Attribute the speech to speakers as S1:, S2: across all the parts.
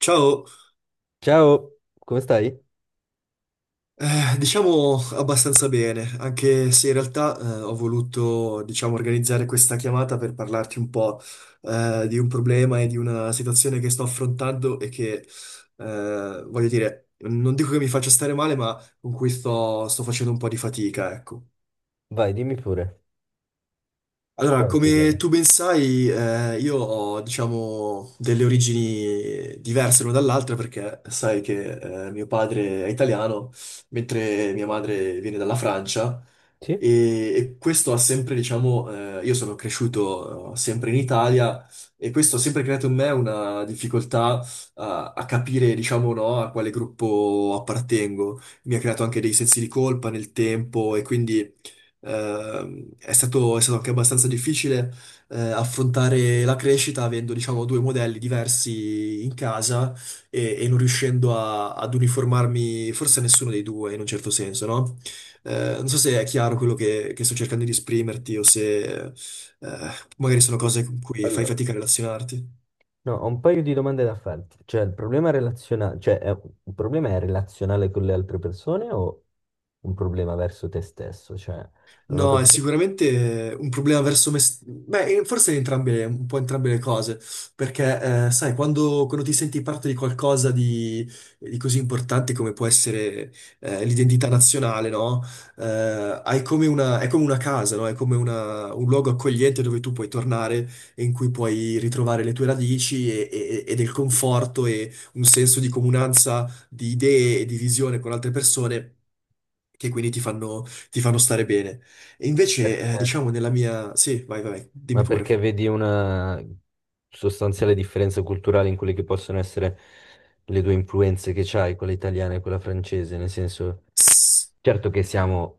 S1: Ciao,
S2: Ciao, come stai?
S1: diciamo abbastanza bene, anche se in realtà ho voluto, diciamo, organizzare questa chiamata per parlarti un po' di un problema e di una situazione che sto affrontando e che, voglio dire, non dico che mi faccia stare male, ma con cui sto facendo un po' di fatica, ecco.
S2: Vai, dimmi pure, qual
S1: Allora,
S2: è il
S1: come
S2: problema?
S1: tu ben sai, io ho, diciamo, delle origini diverse l'una dall'altra perché sai che mio padre è italiano, mentre mia madre viene dalla Francia
S2: Sì?
S1: e questo ha sempre, diciamo, io sono cresciuto sempre in Italia e questo ha sempre creato in me una difficoltà a capire, diciamo, no, a quale gruppo appartengo. Mi ha creato anche dei sensi di colpa nel tempo e quindi è stato anche abbastanza difficile affrontare la crescita avendo, diciamo, due modelli diversi in casa e non riuscendo ad uniformarmi forse a nessuno dei due in un certo senso, no? Non so se è chiaro quello che sto cercando di esprimerti o se magari sono
S2: Sì.
S1: cose con cui fai
S2: Allora,
S1: fatica a relazionarti.
S2: no, ho un paio di domande da farti. Cioè, il problema relazionale, cioè, è- il problema è relazionale con le altre persone o un problema verso te stesso? Cioè, non ho
S1: No, è
S2: capito
S1: sicuramente un problema verso me. Beh, forse entrambe, un po' entrambe le cose, perché sai, quando ti senti parte di qualcosa di così importante come può essere l'identità nazionale, no? Hai come una, è come una casa, no? È come un luogo accogliente dove tu puoi tornare e in cui puoi ritrovare le tue radici e del conforto e un senso di comunanza di idee e di visione con altre persone che quindi ti fanno stare bene. E invece,
S2: perché,
S1: diciamo, nella mia... Sì, vai, vai, vai, dimmi
S2: ma
S1: pure.
S2: perché vedi una sostanziale differenza culturale in quelle che possono essere le due influenze che c'hai, quella italiana e quella francese? Nel senso, certo che siamo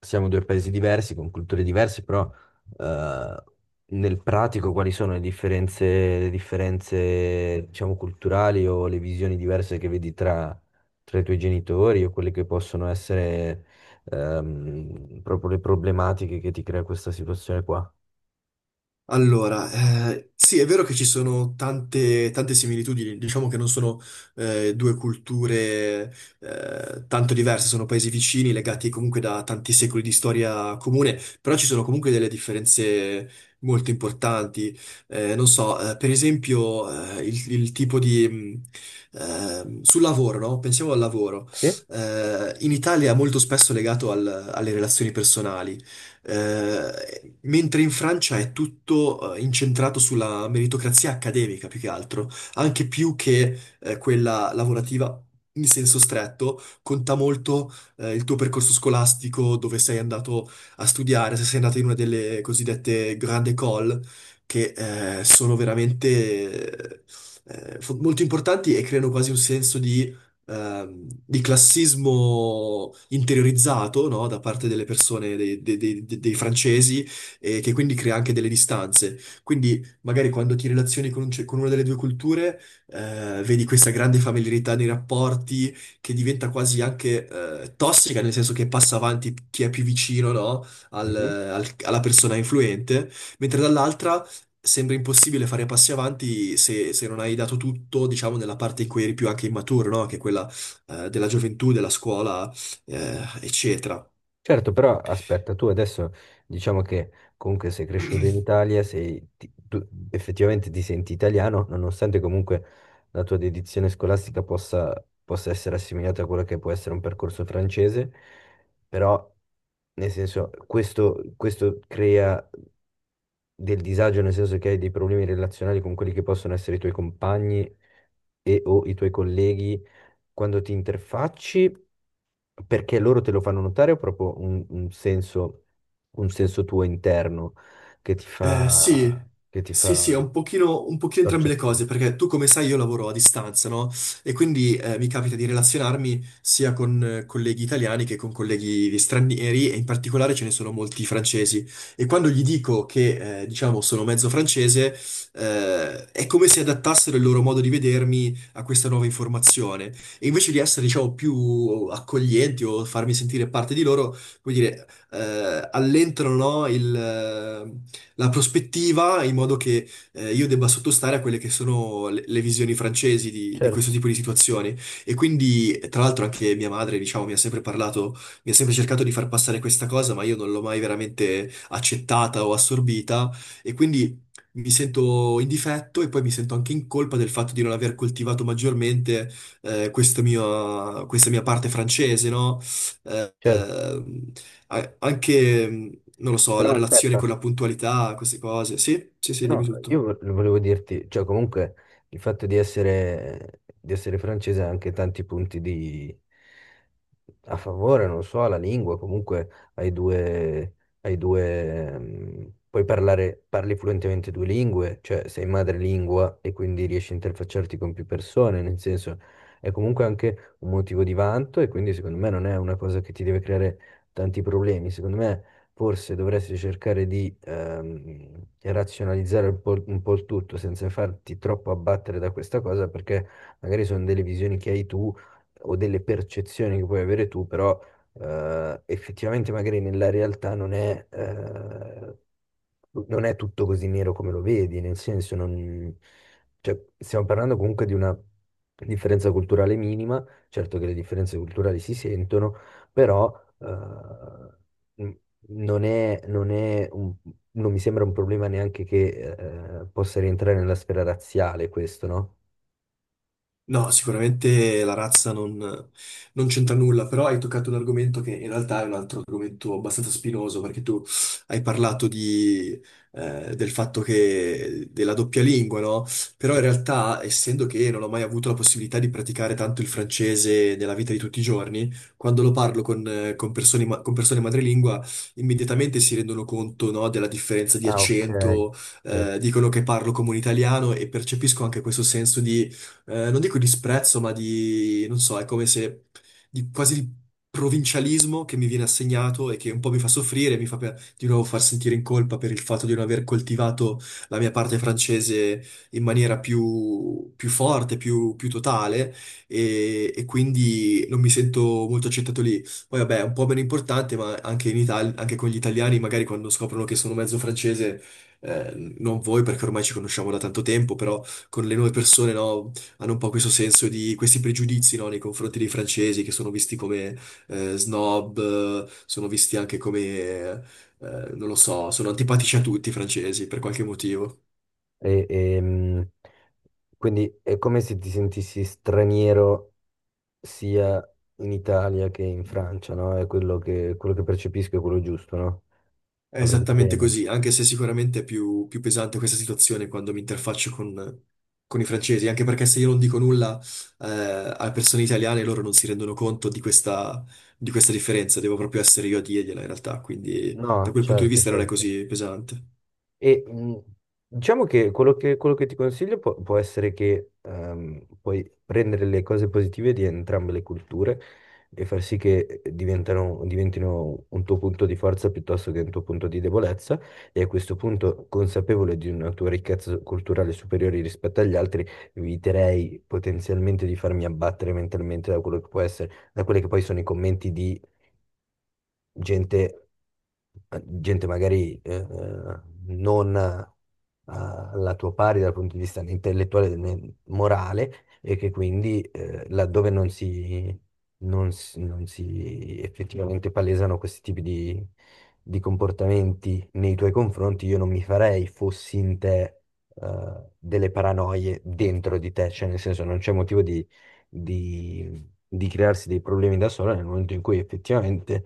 S2: siamo due paesi diversi, con culture diverse, però eh, nel pratico quali sono le differenze, diciamo, culturali o le visioni diverse che vedi tra, tra i tuoi genitori o quelle che possono essere, proprio le problematiche che ti crea questa situazione qua?
S1: Allora, sì, è vero che ci sono tante similitudini, diciamo che non sono due culture tanto diverse, sono paesi vicini, legati comunque da tanti secoli di storia comune, però ci sono comunque delle differenze molto importanti. Non so, per esempio, il tipo di... sul lavoro, no? Pensiamo al lavoro.
S2: Sì?
S1: In Italia è molto spesso legato alle relazioni personali. Mentre in Francia è tutto incentrato sulla meritocrazia accademica più che altro, anche più che quella lavorativa in senso stretto, conta molto il tuo percorso scolastico, dove sei andato a studiare, se sei andato in una delle cosiddette grande école, che sono veramente molto importanti e creano quasi un senso di classismo interiorizzato, no, da parte delle persone, dei francesi, e che quindi crea anche delle distanze. Quindi magari quando ti relazioni con, con una delle due culture, vedi questa grande familiarità nei rapporti che diventa quasi anche tossica, nel senso che passa avanti chi è più vicino, no,
S2: Mhm.
S1: alla persona influente, mentre dall'altra sembra impossibile fare passi avanti se non hai dato tutto, diciamo, nella parte in cui eri più anche immaturo, no? Che è quella della gioventù, della scuola, eccetera.
S2: Certo, però aspetta, tu adesso diciamo che comunque sei cresciuto in Italia, sei, tu effettivamente ti senti italiano, nonostante comunque la tua dedizione scolastica possa, possa essere assimilata a quello che può essere un percorso francese, però nel senso questo, questo crea del disagio, nel senso che hai dei problemi relazionali con quelli che possono essere i tuoi compagni e o i tuoi colleghi quando ti interfacci, perché loro te lo fanno notare o proprio un senso tuo interno
S1: Sì,
S2: che ti
S1: sì, sì, è
S2: fa
S1: un pochino entrambe
S2: torcere
S1: le
S2: il
S1: cose,
S2: naso?
S1: perché tu come sai io lavoro a distanza, no? E quindi mi capita di relazionarmi sia con colleghi italiani che con colleghi di stranieri, e in particolare ce ne sono molti francesi. E quando gli dico che, diciamo, sono mezzo francese, è come se adattassero il loro modo di vedermi a questa nuova informazione. E invece di essere, diciamo, più accoglienti o farmi sentire parte di loro, come dire allentano, no, il, la prospettiva in modo che io debba sottostare a quelle che sono le visioni francesi di questo
S2: Certo,
S1: tipo di situazioni. E quindi, tra l'altro, anche mia madre, diciamo, mi ha sempre parlato, mi ha sempre cercato di far passare questa cosa, ma io non l'ho mai veramente accettata o assorbita. E quindi. Mi sento in difetto e poi mi sento anche in colpa del fatto di non aver coltivato maggiormente questo questa mia parte francese, no? Eh,
S2: certo.
S1: eh, a- anche, non lo so, la
S2: Però
S1: relazione
S2: aspetta,
S1: con la puntualità, queste cose. Sì, sì, sì, dimmi
S2: no,
S1: tutto.
S2: io volevo dirti, cioè comunque il fatto di essere francese ha anche tanti punti di, a favore, non so, alla lingua. Comunque hai due, hai due, puoi parlare, parli fluentemente due lingue, cioè sei madrelingua e quindi riesci a interfacciarti con più persone. Nel senso, è comunque anche un motivo di vanto e quindi secondo me non è una cosa che ti deve creare tanti problemi. Secondo me forse dovresti cercare di razionalizzare un po' il tutto senza farti troppo abbattere da questa cosa, perché magari sono delle visioni che hai tu o delle percezioni che puoi avere tu, però effettivamente magari nella realtà non è, non è tutto così nero come lo vedi, nel senso non, cioè, stiamo parlando comunque di una differenza culturale minima. Certo che le differenze culturali si sentono, però eh, non è, non è un- non mi sembra un problema neanche che possa rientrare nella sfera razziale, questo, no?
S1: No, sicuramente la razza non, non c'entra nulla, però hai toccato un argomento che in realtà è un altro argomento abbastanza spinoso, perché tu hai parlato di, del fatto che della doppia lingua, no? Però
S2: Sì.
S1: in realtà, essendo che non ho mai avuto la possibilità di praticare tanto il francese nella vita di tutti i giorni, quando lo parlo con persone, con persone madrelingua, immediatamente si rendono conto, no, della differenza di
S2: Ah, ok.
S1: accento,
S2: Certo.
S1: dicono che parlo come un italiano e percepisco anche questo senso di non dico disprezzo, ma di, non so, è come se, di quasi di provincialismo che mi viene assegnato e che un po' mi fa soffrire, mi fa di nuovo far sentire in colpa per il fatto di non aver coltivato la mia parte francese in maniera più forte, più totale, e quindi non mi sento molto accettato lì. Poi vabbè, è un po' meno importante, ma anche in Italia, anche con gli italiani, magari quando scoprono che sono mezzo francese, eh, non voi perché ormai ci conosciamo da tanto tempo, però con le nuove persone, no? Hanno un po' questo senso di questi pregiudizi, no, nei confronti dei francesi che sono visti come snob, sono visti anche come, non lo so, sono antipatici a tutti i francesi per qualche motivo.
S2: E- ehm, quindi è come se ti sentissi straniero sia in Italia che in Francia, no? È quello che percepisco è quello giusto, no?
S1: È
S2: Ho capito
S1: esattamente
S2: bene?
S1: così, anche se sicuramente è più, più pesante questa situazione quando mi interfaccio con i francesi, anche perché se io non dico nulla eh, alle persone italiane loro non si rendono conto di questa differenza, devo proprio essere io a dirgliela in realtà, quindi da
S2: No,
S1: quel punto di
S2: certo,
S1: vista non è
S2: certo.
S1: così pesante.
S2: E diciamo che quello che, quello che ti consiglio può, può essere che puoi prendere le cose positive di entrambe le culture e far sì che diventino un tuo punto di forza piuttosto che un tuo punto di debolezza. E a questo punto, consapevole di una tua ricchezza culturale superiore rispetto agli altri, eviterei potenzialmente di farmi abbattere mentalmente da quello che può essere, da quelli che poi sono i commenti di gente, gente magari non alla tua pari dal punto di vista né intellettuale né morale, e che quindi laddove non si, non si effettivamente palesano questi tipi di comportamenti nei tuoi confronti, io non mi farei, fossi in te, delle paranoie dentro di te. Cioè, nel senso, non c'è motivo di crearsi dei problemi da sola, nel momento in cui effettivamente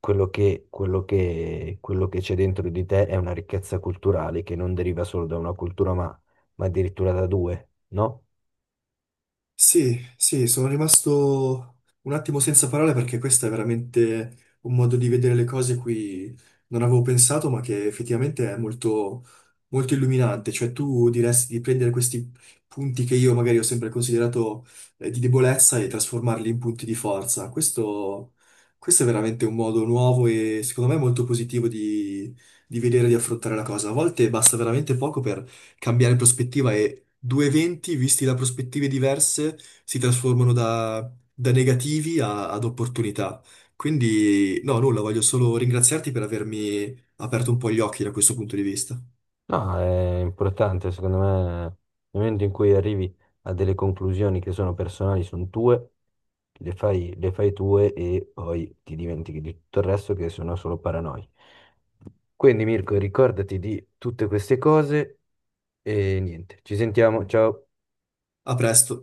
S2: quello che, quello che, quello che c'è dentro di te è una ricchezza culturale che non deriva solo da una cultura, ma addirittura da due, no?
S1: Sì, sì, sono rimasto un attimo senza parole perché questo è veramente un modo di vedere le cose cui non avevo pensato, ma che effettivamente è molto, molto illuminante. Cioè, tu diresti di prendere questi punti che io magari ho sempre considerato di debolezza e trasformarli in punti di forza. Questo è veramente un modo nuovo e secondo me molto positivo di vedere e di affrontare la cosa. A volte basta veramente poco per cambiare prospettiva due eventi visti da prospettive diverse si trasformano da negativi ad opportunità. Quindi, no, nulla, voglio solo ringraziarti per avermi aperto un po' gli occhi da questo punto di vista.
S2: No, è importante, secondo me, nel momento in cui arrivi a delle conclusioni che sono personali, sono tue, le fai tue e poi ti dimentichi di tutto il resto che sono solo paranoie. Quindi Mirko, ricordati di tutte queste cose. E niente, ci sentiamo, ciao.
S1: A presto.